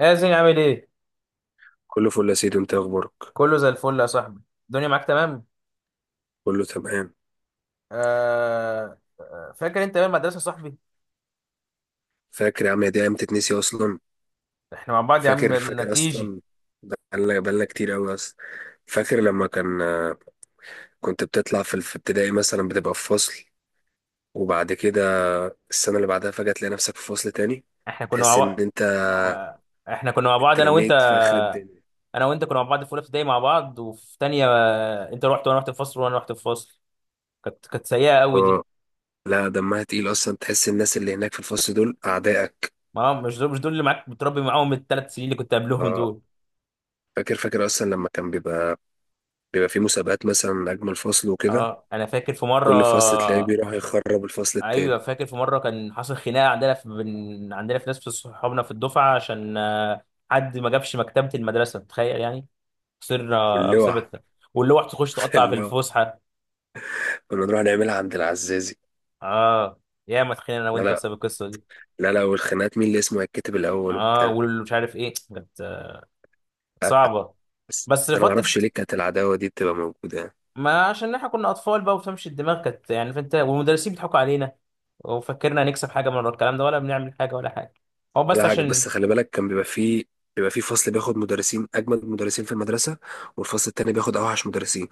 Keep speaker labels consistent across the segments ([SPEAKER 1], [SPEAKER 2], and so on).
[SPEAKER 1] ياسين عامل ايه؟
[SPEAKER 2] كله فل يا سيدي، انت اخبارك؟
[SPEAKER 1] كله زي الفل يا صاحبي، الدنيا معاك تمام؟
[SPEAKER 2] كله تمام.
[SPEAKER 1] آه آه، فاكر انت ايام المدرسة يا صاحبي؟
[SPEAKER 2] فاكر يا عم، يا دي ايام تتنسي اصلا.
[SPEAKER 1] احنا مع بعض يا عم
[SPEAKER 2] فاكر
[SPEAKER 1] من
[SPEAKER 2] فاكر
[SPEAKER 1] كيجي.
[SPEAKER 2] اصلا. بقالنا كتير قوي اصلا. فاكر لما كنت بتطلع في ابتدائي مثلا بتبقى في فصل، وبعد كده السنه اللي بعدها فجاه تلاقي نفسك في فصل تاني.
[SPEAKER 1] احنا كنا مع
[SPEAKER 2] تحس ان
[SPEAKER 1] بعض.
[SPEAKER 2] انت
[SPEAKER 1] آه. احنا كنا مع بعض
[SPEAKER 2] اترميت في اخر الدنيا.
[SPEAKER 1] انا وانت كنا مع بعض في اولى ابتدائي مع بعض، وفي تانية انت رحت وانا رحت الفصل. كانت سيئة قوي دي.
[SPEAKER 2] اه. لا، دمها تقيل اصلا، تحس الناس اللي هناك في الفصل دول اعدائك.
[SPEAKER 1] ما مش دول مش دول اللي معاك بتربي معاهم الثلاث سنين اللي كنت قبلهم
[SPEAKER 2] اه.
[SPEAKER 1] دول.
[SPEAKER 2] فاكر اصلا لما كان بيبقى في مسابقات مثلا اجمل فصل وكده.
[SPEAKER 1] اه، انا فاكر في مرة.
[SPEAKER 2] كل فصل تلاقيه بيروح يخرب الفصل
[SPEAKER 1] ايوه
[SPEAKER 2] التاني.
[SPEAKER 1] فاكر في مره كان حصل خناقه عندنا، في بين عندنا في ناس في صحابنا في الدفعه، عشان حد ما جابش مكتبه المدرسه، تخيل يعني. خسرنا
[SPEAKER 2] واللوع
[SPEAKER 1] بسبب ده. واللوح تخش تقطع في
[SPEAKER 2] اللوع
[SPEAKER 1] الفسحه.
[SPEAKER 2] كنا نروح نعملها عند العزازي.
[SPEAKER 1] اه يا ما اتخانقنا انا
[SPEAKER 2] لا،
[SPEAKER 1] وانت
[SPEAKER 2] لا.
[SPEAKER 1] بسبب القصه دي.
[SPEAKER 2] لا، لا، والخناقات مين اللي اسمه هيتكتب الاول
[SPEAKER 1] اه،
[SPEAKER 2] وبتاع.
[SPEAKER 1] واللي مش عارف ايه، كانت صعبه.
[SPEAKER 2] بس,
[SPEAKER 1] بس
[SPEAKER 2] بس انا ما
[SPEAKER 1] فتره،
[SPEAKER 2] اعرفش ليه كانت العداوه دي بتبقى موجوده يعني.
[SPEAKER 1] ما عشان احنا كنا اطفال بقى وتمشي الدماغ، كانت يعني فانت والمدرسين بيضحكوا علينا، وفكرنا هنكسب حاجه من ورا الكلام ده ولا بنعمل حاجه ولا حاجه. هو بس
[SPEAKER 2] ولا حاجه،
[SPEAKER 1] عشان.
[SPEAKER 2] بس خلي بالك كان بيبقى فيه فصل بياخد مدرسين اجمد مدرسين في المدرسه، والفصل التاني بياخد اوحش مدرسين.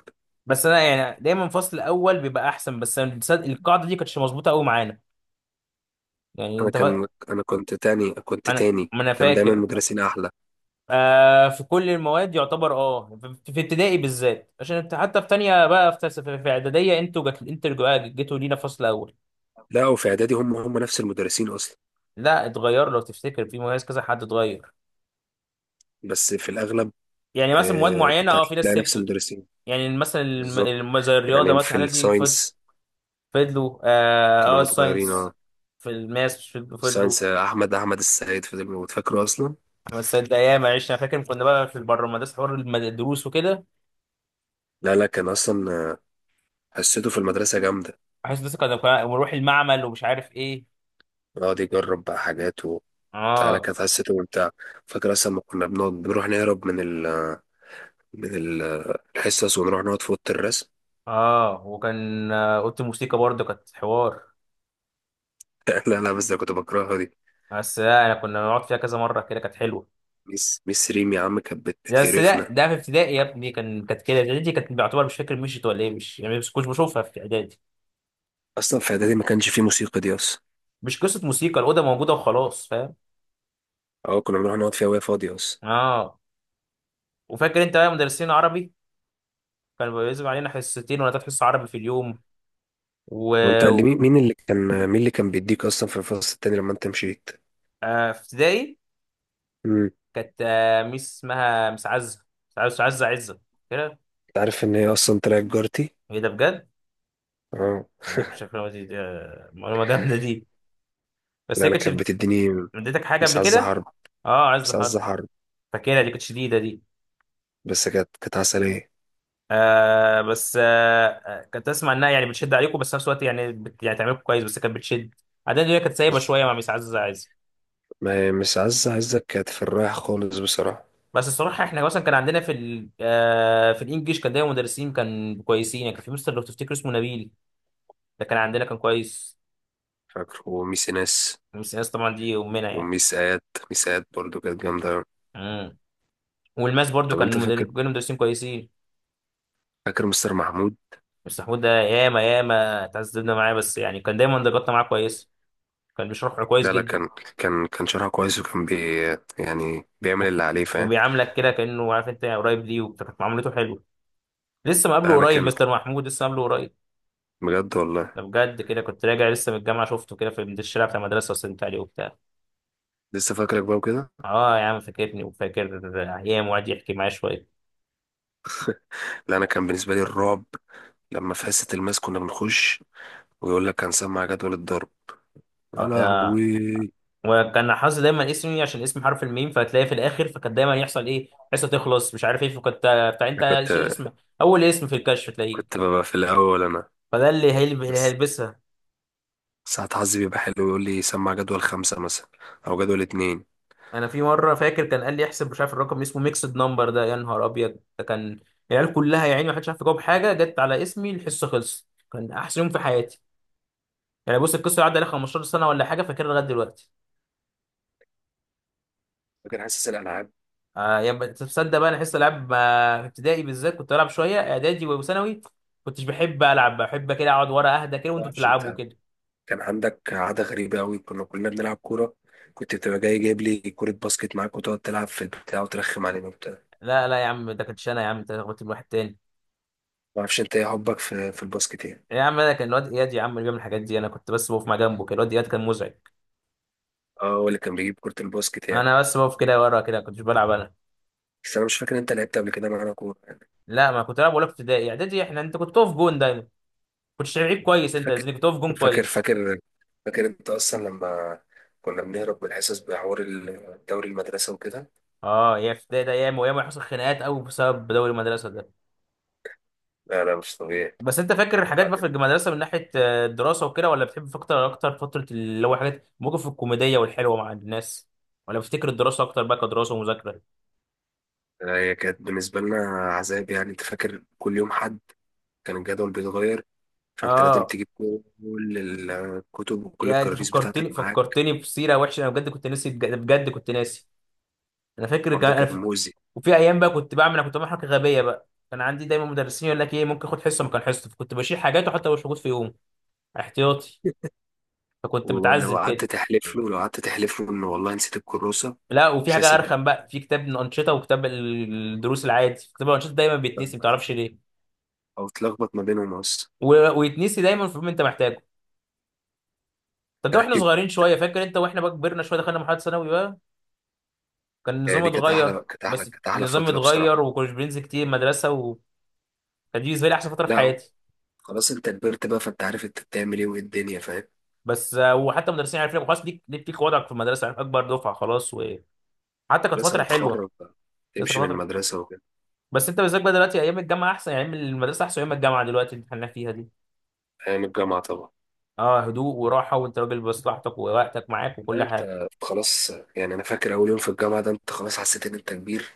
[SPEAKER 1] بس انا يعني دايما الفصل الاول بيبقى احسن، بس أنا تصدق القاعده دي كانتش مظبوطه قوي معانا. يعني انت فا...
[SPEAKER 2] انا كنت تاني كنت
[SPEAKER 1] انا
[SPEAKER 2] تاني
[SPEAKER 1] ما انا
[SPEAKER 2] كان دايما
[SPEAKER 1] فاكر.
[SPEAKER 2] مدرسين احلى.
[SPEAKER 1] آه، في كل المواد يعتبر، في ابتدائي بالذات، عشان انت حتى في تانية بقى في في اعداديه، جيتوا لينا فصل اول.
[SPEAKER 2] لا، وفي اعدادي هم نفس المدرسين اصلا.
[SPEAKER 1] لا اتغير، لو تفتكر في مميز كذا حد اتغير.
[SPEAKER 2] بس في الاغلب
[SPEAKER 1] يعني مثلا مواد معينه،
[SPEAKER 2] كنت
[SPEAKER 1] في ناس
[SPEAKER 2] هتلاقي نفس
[SPEAKER 1] سبتوا.
[SPEAKER 2] المدرسين.
[SPEAKER 1] يعني مثلا
[SPEAKER 2] بالظبط.
[SPEAKER 1] زي الرياضه
[SPEAKER 2] يعني
[SPEAKER 1] مثلا،
[SPEAKER 2] في
[SPEAKER 1] الحاجات دي
[SPEAKER 2] الساينس
[SPEAKER 1] فضلوا،
[SPEAKER 2] كانوا متغيرين، اه.
[SPEAKER 1] الساينس، في الماس فضلوا.
[SPEAKER 2] ساينس احمد السيد فضل موجود، فاكره اصلا.
[SPEAKER 1] بس ده ايام عشنا، فاكر كنا بقى في بره المدرسه حوار الدروس وكده.
[SPEAKER 2] لا، لا، كان اصلا حسيته في المدرسه جامده.
[SPEAKER 1] بحس لسه ونروح المعمل ومش عارف ايه.
[SPEAKER 2] يقعد يجرب بقى حاجات وبتاع. لا،
[SPEAKER 1] اه.
[SPEAKER 2] كانت حسيته ممتع. فاكر اصلا ما كنا بنقعد بنروح نهرب من ال من ال الحصص ونروح نقعد في اوضه الرسم.
[SPEAKER 1] اه، وكان اوضه الموسيقى برضه كانت حوار.
[SPEAKER 2] لا، لا، بس ده كنت بكرهها دي.
[SPEAKER 1] بس لا، انا كنا بنقعد فيها كذا مره كده، كانت حلوه.
[SPEAKER 2] ميس ريم يا عم كانت
[SPEAKER 1] بس لا،
[SPEAKER 2] بتقرفنا.
[SPEAKER 1] ده في ابتدائي يا ابني كان كانت كده، اعدادي كانت بعتبر مش فاكر مشيت ولا ايه، مش يعني مش كنت بشوفها في اعدادي.
[SPEAKER 2] اصلا في اعدادي ما كانش فيه موسيقى دي اصلا.
[SPEAKER 1] مش قصه موسيقى، الاوضه موجوده وخلاص، فاهم.
[SPEAKER 2] اه، كنا بنروح نقعد فيها وهي فاضيه اصلا.
[SPEAKER 1] اه، وفاكر انت بقى مدرسين عربي، كانوا بيلزم علينا حصتين ولا تلات حصص عربي في اليوم. و
[SPEAKER 2] وانت، اللي مين مين اللي كان مين اللي كان بيديك اصلا في الفصل التاني لما انت مشيت؟
[SPEAKER 1] آه، في ابتدائي
[SPEAKER 2] امم
[SPEAKER 1] كانت ميس اسمها ميس عزة، ميس عزة ميس عزة عزة كده.
[SPEAKER 2] انت عارف ان هي اصلا طلعت جارتي؟
[SPEAKER 1] ايه ده، بجد؟
[SPEAKER 2] اه.
[SPEAKER 1] عندكم شكلها دي، معلومة جامدة دي. بس
[SPEAKER 2] لا،
[SPEAKER 1] هي
[SPEAKER 2] انا
[SPEAKER 1] كانتش
[SPEAKER 2] كانت بتديني.
[SPEAKER 1] اديتك حاجة
[SPEAKER 2] مش
[SPEAKER 1] قبل
[SPEAKER 2] عزة
[SPEAKER 1] كده.
[SPEAKER 2] حرب؟
[SPEAKER 1] اه، عزة
[SPEAKER 2] مش
[SPEAKER 1] حرب.
[SPEAKER 2] عزة حرب.
[SPEAKER 1] فاكرها دي، كانت شديدة دي.
[SPEAKER 2] بس كانت عسلية.
[SPEAKER 1] آه، بس كنت اسمع انها يعني بتشد عليكم، بس في نفس الوقت يعني يعني تعملكم كويس، بس كانت بتشد. بعدين دي كانت سايبة
[SPEAKER 2] بس
[SPEAKER 1] شوية مع ميس عزة عزة.
[SPEAKER 2] ما مش عزة عزة كانت في الرايح خالص بصراحة.
[SPEAKER 1] بس الصراحة احنا مثلا كان عندنا في ال آه في الانجليش، كان دايما مدرسين كان كويسين، يعني كان في مستر لو تفتكر اسمه نبيل، ده كان عندنا، كان كويس.
[SPEAKER 2] فاكر، وميس ناس،
[SPEAKER 1] ميس انس طبعا دي امنا يعني.
[SPEAKER 2] وميس آيات برضو كانت جامدة أوي.
[SPEAKER 1] مم. والماس برضو
[SPEAKER 2] طب انت فاكر
[SPEAKER 1] كانوا مدرسين كويسين.
[SPEAKER 2] فاكر مستر محمود؟
[SPEAKER 1] مستر حمود ده ياما ياما اتعذبنا معاه، بس يعني كان دايما درجاتنا معاه كويس، كان بيشرح كويس
[SPEAKER 2] لا، لا،
[SPEAKER 1] جدا.
[SPEAKER 2] كان شرحه كويس وكان يعني
[SPEAKER 1] و-
[SPEAKER 2] بيعمل اللي عليه فاهم.
[SPEAKER 1] وبيعاملك كده كأنه عارف انت قريب ليه، وكانت معاملته حلوه. لسه مقابله
[SPEAKER 2] لا انا
[SPEAKER 1] قريب،
[SPEAKER 2] كان،
[SPEAKER 1] مستر محمود لسه مقابله قريب.
[SPEAKER 2] بجد والله.
[SPEAKER 1] ده بجد، كده كنت راجع لسه من الجامعه، شفته كده من الشارع بتاع المدرسه، وسلمت عليه وبتاع.
[SPEAKER 2] لسه فاكرك بقى وكده.
[SPEAKER 1] اه يا عم، فاكرني وفاكر ايام، وقعد يحكي معايا شويه.
[SPEAKER 2] لا انا كان بالنسبة لي الرعب لما في حصة الماس كنا بنخش، ويقول لك هنسمع جدول الضرب. يا
[SPEAKER 1] آه،
[SPEAKER 2] لهوي.
[SPEAKER 1] وكان حاطط دايما اسمي عشان اسم حرف الميم، فهتلاقيه في الاخر، فكان دايما يحصل ايه، حصه تخلص مش عارف ايه، فكنت بتاع انت ايش اسمك، اول اسم في الكشف تلاقيه،
[SPEAKER 2] كنت ببقى في الأول أنا.
[SPEAKER 1] فده اللي
[SPEAKER 2] بس
[SPEAKER 1] هيلبسها.
[SPEAKER 2] ساعات حظي بيبقى حلو، يقول لي سمع جدول خمسة مثلا، أو جدول اتنين.
[SPEAKER 1] انا في مره فاكر كان قال لي احسب، مش عارف الرقم اسمه ميكسد نمبر ده، يا نهار ابيض، ده كان العيال كلها يا عيني ما حدش عارف يجاوب حاجه، جت على اسمي الحصه خلصت. كان احسن يوم في حياتي. يعني بص، القصه عدى عليها 15 سنه ولا حاجه، فاكرها لغايه دلوقتي.
[SPEAKER 2] فاكر حاسس الألعاب.
[SPEAKER 1] آه، تصدق بقى انا حصه العاب في ابتدائي بالذات كنت بلعب شويه، اعدادي وثانوي كنتش بحب العب، بحب كده اقعد ورا، اهدى كده
[SPEAKER 2] ما
[SPEAKER 1] وانتوا
[SPEAKER 2] أعرفش
[SPEAKER 1] بتلعبوا
[SPEAKER 2] أنت،
[SPEAKER 1] كده.
[SPEAKER 2] كان عندك عادة غريبة أوي، كنا كلنا بنلعب كورة، كنت بتبقى جاي جايب لي كورة باسكت معاك وتقعد تلعب في البتاع وترخم علينا وبتاع.
[SPEAKER 1] لا لا يا عم، ده كنتش انا، يا عم انت لخبطت الواحد تاني.
[SPEAKER 2] ما أعرفش أنت إيه حبك في الباسكت يعني؟
[SPEAKER 1] يا عم، انا كان الواد اياد يا عم اللي بيعمل الحاجات دي، انا كنت بس بقف مع جنبه كده، الواد اياد كان مزعج.
[SPEAKER 2] أه، هو اللي كان بيجيب كورة الباسكت يعني.
[SPEAKER 1] انا بس بقف كده ورا كده، كنتش بلعب انا.
[SPEAKER 2] بس أنا مش فاكر أنت لعبت قبل كده معانا كورة.
[SPEAKER 1] لا ما كنت العب ولا في ابتدائي. اعدادي انت كنت تقف جون دايما، كنتش لعيب كويس انت يا
[SPEAKER 2] فاكر
[SPEAKER 1] زميلي، كنت تقف جون
[SPEAKER 2] فاكر
[SPEAKER 1] كويس.
[SPEAKER 2] فاكر فاكر أنت أصلا لما كنا بنهرب من الحصص بحوار الدوري المدرسة وكده.
[SPEAKER 1] اه، يا في ابتدائي ده ايام وايام حصل خناقات قوي بسبب دوري المدرسه ده.
[SPEAKER 2] لا، لا، مش طبيعي.
[SPEAKER 1] بس انت فاكر الحاجات بقى في المدرسه من ناحيه الدراسه وكده، ولا بتحب اكتر اكتر فتره اللي هو حاجات ممكن في الكوميديه والحلوه مع الناس، ولا بتفتكر الدراسه اكتر بقى كدراسه ومذاكره؟
[SPEAKER 2] هي كانت بالنسبة لنا عذاب، يعني أنت فاكر كل يوم حد، كان الجدول بيتغير، فأنت لازم
[SPEAKER 1] اه
[SPEAKER 2] تجيب كل الكتب وكل
[SPEAKER 1] يا انت
[SPEAKER 2] الكراريس بتاعتك
[SPEAKER 1] فكرتني
[SPEAKER 2] معاك.
[SPEAKER 1] فكرتني بسيره وحشه، انا بجد كنت ناسي، بجد بجد كنت ناسي. انا فاكر
[SPEAKER 2] الحوار ده
[SPEAKER 1] كمان انا
[SPEAKER 2] كان
[SPEAKER 1] ف...
[SPEAKER 2] مؤذي.
[SPEAKER 1] وفي ايام بقى كنت بعمل حاجه غبيه بقى، كان عندي دايما مدرسين يقول لك ايه، ممكن اخد حصه مكان حصه، فكنت بشيل حاجات، وحتى مش موجود في يوم احتياطي، فكنت
[SPEAKER 2] ولو
[SPEAKER 1] متعذب
[SPEAKER 2] قعدت
[SPEAKER 1] كده.
[SPEAKER 2] تحلف له لو قعدت تحلف له إن والله نسيت الكروسة
[SPEAKER 1] لا وفي
[SPEAKER 2] مش
[SPEAKER 1] حاجه
[SPEAKER 2] هيصدقك،
[SPEAKER 1] ارخم بقى، في كتاب الانشطه وكتاب الدروس العادي، كتاب الانشطه دايما بيتنسي، ما تعرفش ليه.
[SPEAKER 2] أو تلخبط ما بينهم أصلا.
[SPEAKER 1] ويتنسي دايما في ما انت محتاجه. طب ده واحنا
[SPEAKER 2] طيب.
[SPEAKER 1] صغيرين شويه، فاكر انت واحنا بقى كبرنا شويه، دخلنا مرحله ثانوي بقى، كان
[SPEAKER 2] يعني
[SPEAKER 1] النظام
[SPEAKER 2] دي كانت
[SPEAKER 1] اتغير.
[SPEAKER 2] أحلى كانت أحلى
[SPEAKER 1] بس
[SPEAKER 2] كانت أحلى
[SPEAKER 1] النظام
[SPEAKER 2] فترة
[SPEAKER 1] اتغير
[SPEAKER 2] بصراحة.
[SPEAKER 1] وكناش بننزل كتير مدرسه، وكانت دي بالنسبه لي احسن فتره في
[SPEAKER 2] لا،
[SPEAKER 1] حياتي.
[SPEAKER 2] خلاص أنت كبرت بقى، فأنت عارف أنت بتعمل إيه وإيه الدنيا فاهم.
[SPEAKER 1] بس وحتى المدرسين عارفين لك خلاص، ليك وضعك في المدرسه، عارف اكبر دفعه خلاص، وحتى كانت
[SPEAKER 2] خلاص
[SPEAKER 1] فتره حلوه،
[SPEAKER 2] هتتخرج بقى،
[SPEAKER 1] لسه
[SPEAKER 2] تمشي
[SPEAKER 1] كانت
[SPEAKER 2] من
[SPEAKER 1] فتره.
[SPEAKER 2] المدرسة وكده.
[SPEAKER 1] بس انت بالذات بقى دلوقتي ايام الجامعه احسن، يعني ايام المدرسه احسن ايام الجامعه دلوقتي اللي احنا فيها دي.
[SPEAKER 2] أيام الجامعة طبعا.
[SPEAKER 1] اه، هدوء وراحه وانت راجل بمصلحتك ووقتك معاك وكل
[SPEAKER 2] لا
[SPEAKER 1] حاجه.
[SPEAKER 2] انت خلاص، يعني انا فاكر اول يوم في الجامعه ده انت خلاص حسيت ان انت كبير،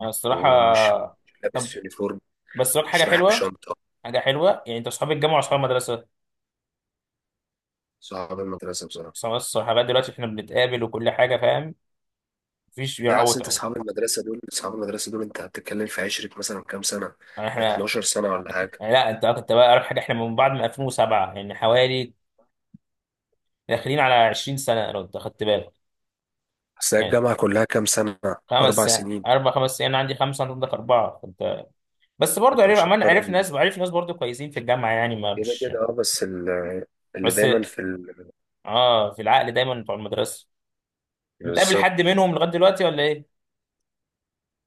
[SPEAKER 1] انا الصراحه...
[SPEAKER 2] ومش مش
[SPEAKER 1] طب،
[SPEAKER 2] لابس يونيفورم،
[SPEAKER 1] بس لك حاجه
[SPEAKER 2] مش رايح
[SPEAKER 1] حلوه.
[SPEAKER 2] بشنطه.
[SPEAKER 1] حاجه حلوه يعني، انت اصحاب الجامعه واصحاب المدرسه.
[SPEAKER 2] صحاب المدرسه بصراحه.
[SPEAKER 1] بس لغايه دلوقتي احنا بنتقابل وكل حاجه، فاهم، مفيش
[SPEAKER 2] لا اصل
[SPEAKER 1] بيعوض
[SPEAKER 2] انت
[SPEAKER 1] اهو.
[SPEAKER 2] اصحاب المدرسه دول انت هتتكلم في عشرة مثلا كام سنه،
[SPEAKER 1] يعني احنا...
[SPEAKER 2] 12 سنه ولا حاجه.
[SPEAKER 1] يعني لا، انت كنت بقى اقرب حاجه، احنا من بعض من 2007 يعني، حوالي داخلين على 20 سنه لو انت خدت بالك.
[SPEAKER 2] بس هي
[SPEAKER 1] يعني
[SPEAKER 2] الجامعه كلها كام سنه؟
[SPEAKER 1] خمس
[SPEAKER 2] اربع
[SPEAKER 1] سنين،
[SPEAKER 2] سنين.
[SPEAKER 1] اربع خمس سنين، انا عندي خمسه انت عندك اربعه فانت. بس برضه،
[SPEAKER 2] انت مش
[SPEAKER 1] عمال
[SPEAKER 2] هتقرر
[SPEAKER 1] عرف ناس، برضه كويسين في الجامعه، يعني ما
[SPEAKER 2] كده
[SPEAKER 1] مش.
[SPEAKER 2] كده، اه، بس اللي
[SPEAKER 1] بس
[SPEAKER 2] دايما في ال...
[SPEAKER 1] اه، في العقل دايما بتوع المدرسه، بتقابل
[SPEAKER 2] بالظبط.
[SPEAKER 1] حد منهم لغاية دلوقتي ولا ايه؟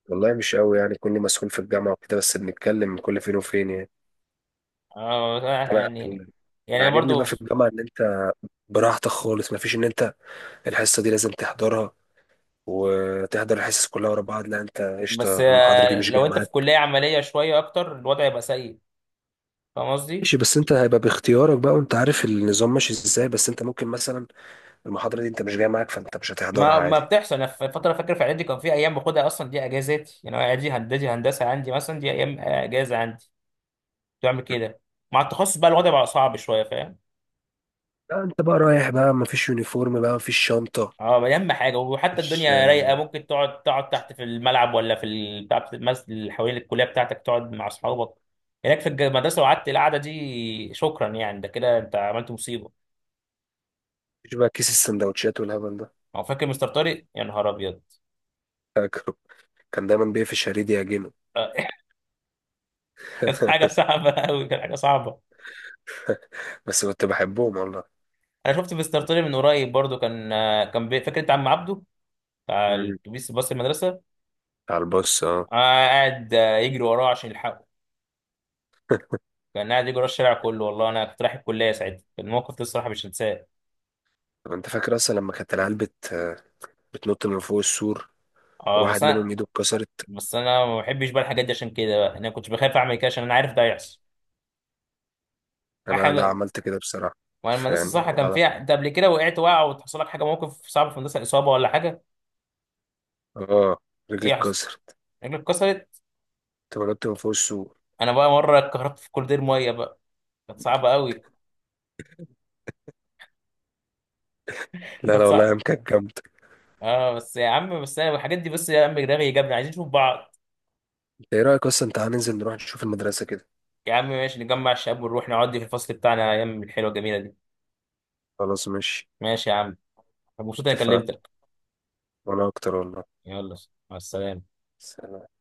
[SPEAKER 2] والله مش قوي، يعني كوني مسؤول في الجامعه وكده، بس بنتكلم كل فين وفين يعني.
[SPEAKER 1] اه
[SPEAKER 2] انا
[SPEAKER 1] يعني.
[SPEAKER 2] اللي
[SPEAKER 1] يعني انا
[SPEAKER 2] عاجبني بقى
[SPEAKER 1] برضو.
[SPEAKER 2] في الجامعة إن أنت براحتك خالص، مفيش ان انت الحصه دي لازم تحضرها وتحضر الحصص كلها ورا بعض، لا انت
[SPEAKER 1] بس
[SPEAKER 2] قشطه، المحاضره دي مش جايه
[SPEAKER 1] لو انت في
[SPEAKER 2] معاك.
[SPEAKER 1] كلية عملية شوية اكتر الوضع يبقى سيء، فاهم قصدي؟
[SPEAKER 2] ماشي، بس انت هيبقى باختيارك بقى وانت عارف النظام ماشي ازاي، بس انت ممكن مثلا المحاضره دي انت مش جايه معاك فانت مش هتحضرها
[SPEAKER 1] ما
[SPEAKER 2] عادي.
[SPEAKER 1] بتحصل، انا في فترة فاكر في اعدادي كان في ايام باخدها اصلا دي اجازات، يعني أنا اعدادي هندسة هندسة عندي مثلا دي ايام اجازة عندي، كنت بعمل كده. مع التخصص بقى الوضع بقى صعب شوية، فاهم؟
[SPEAKER 2] لا انت بقى رايح بقى مفيش يونيفورم بقى مفيش شنطه.
[SPEAKER 1] اه، اهم حاجه وحتى
[SPEAKER 2] مفيش
[SPEAKER 1] الدنيا رايقه، ممكن تقعد تحت في الملعب، ولا بتاع في المسجد اللي حوالين الكليه بتاعتك، تقعد مع اصحابك هناك في المدرسه، وقعدت القعده دي، شكرا يعني، ده كده انت عملت مصيبه.
[SPEAKER 2] مفيش بقى كيس السندوتشات والهبل ده.
[SPEAKER 1] هو فاكر مستر طارق، يا نهار ابيض.
[SPEAKER 2] فاكره، كان دايما بيقفش شريدي يعجنه.
[SPEAKER 1] آه. كانت حاجه صعبه قوي، كانت حاجه صعبه.
[SPEAKER 2] بس كنت بحبهم والله.
[SPEAKER 1] انا شفت مستر طارق من قريب برضو، كان فاكر انت عم عبده بتاع
[SPEAKER 2] مم.
[SPEAKER 1] الاتوبيس، باص المدرسه.
[SPEAKER 2] على البص، اه.
[SPEAKER 1] قاعد يجري وراه عشان يلحقه، كان قاعد يجري ورا الشارع كله والله، انا كنت رايح الكليه ساعتها، كان موقف ده الصراحه مش هنساه.
[SPEAKER 2] طب انت فاكر اصلا لما كانت العيال بتنط من فوق السور،
[SPEAKER 1] اه بس
[SPEAKER 2] وواحد منهم
[SPEAKER 1] انا.
[SPEAKER 2] ايده اتكسرت.
[SPEAKER 1] بس انا ما بحبش بقى الحاجات دي، عشان كده بقى انا كنت بخاف اعمل كده، عشان انا عارف ده هيحصل.
[SPEAKER 2] انا لا
[SPEAKER 1] احنا...
[SPEAKER 2] عملت كده بصراحه.
[SPEAKER 1] وانا المدرسه
[SPEAKER 2] فيعني
[SPEAKER 1] الصراحه كان
[SPEAKER 2] على...
[SPEAKER 1] فيها انت قبل كده وقعت، وقع وتحصل لك حاجه، موقف صعب في المدرسه، اصابه ولا حاجه؟
[SPEAKER 2] اه، رجلي
[SPEAKER 1] ايه يحصل؟
[SPEAKER 2] اتكسرت،
[SPEAKER 1] رجلك اتكسرت.
[SPEAKER 2] كنت بنط من فوق السور.
[SPEAKER 1] انا بقى مره اتكهربت في كولدير ميه بقى، كانت صعبه قوي،
[SPEAKER 2] لا،
[SPEAKER 1] كانت
[SPEAKER 2] لا، والله
[SPEAKER 1] صعبه.
[SPEAKER 2] ايام كانت جامده.
[SPEAKER 1] اه بس يا عم، بس انا الحاجات دي، بس يا عم دماغي جابنا عايزين نشوف بعض.
[SPEAKER 2] انت ايه رايك اصلا، تعالى ننزل نروح نشوف المدرسه كده؟
[SPEAKER 1] يا عم ماشي، نجمع الشباب ونروح نقعد في الفصل بتاعنا ايام الحلوه الجميله دي.
[SPEAKER 2] خلاص ماشي.
[SPEAKER 1] ماشي يا عم. أنا مبسوط اني
[SPEAKER 2] اتفقنا،
[SPEAKER 1] كلمتك.
[SPEAKER 2] وانا اكتر والله.
[SPEAKER 1] يلا، مع السلامه.
[SPEAKER 2] سلام.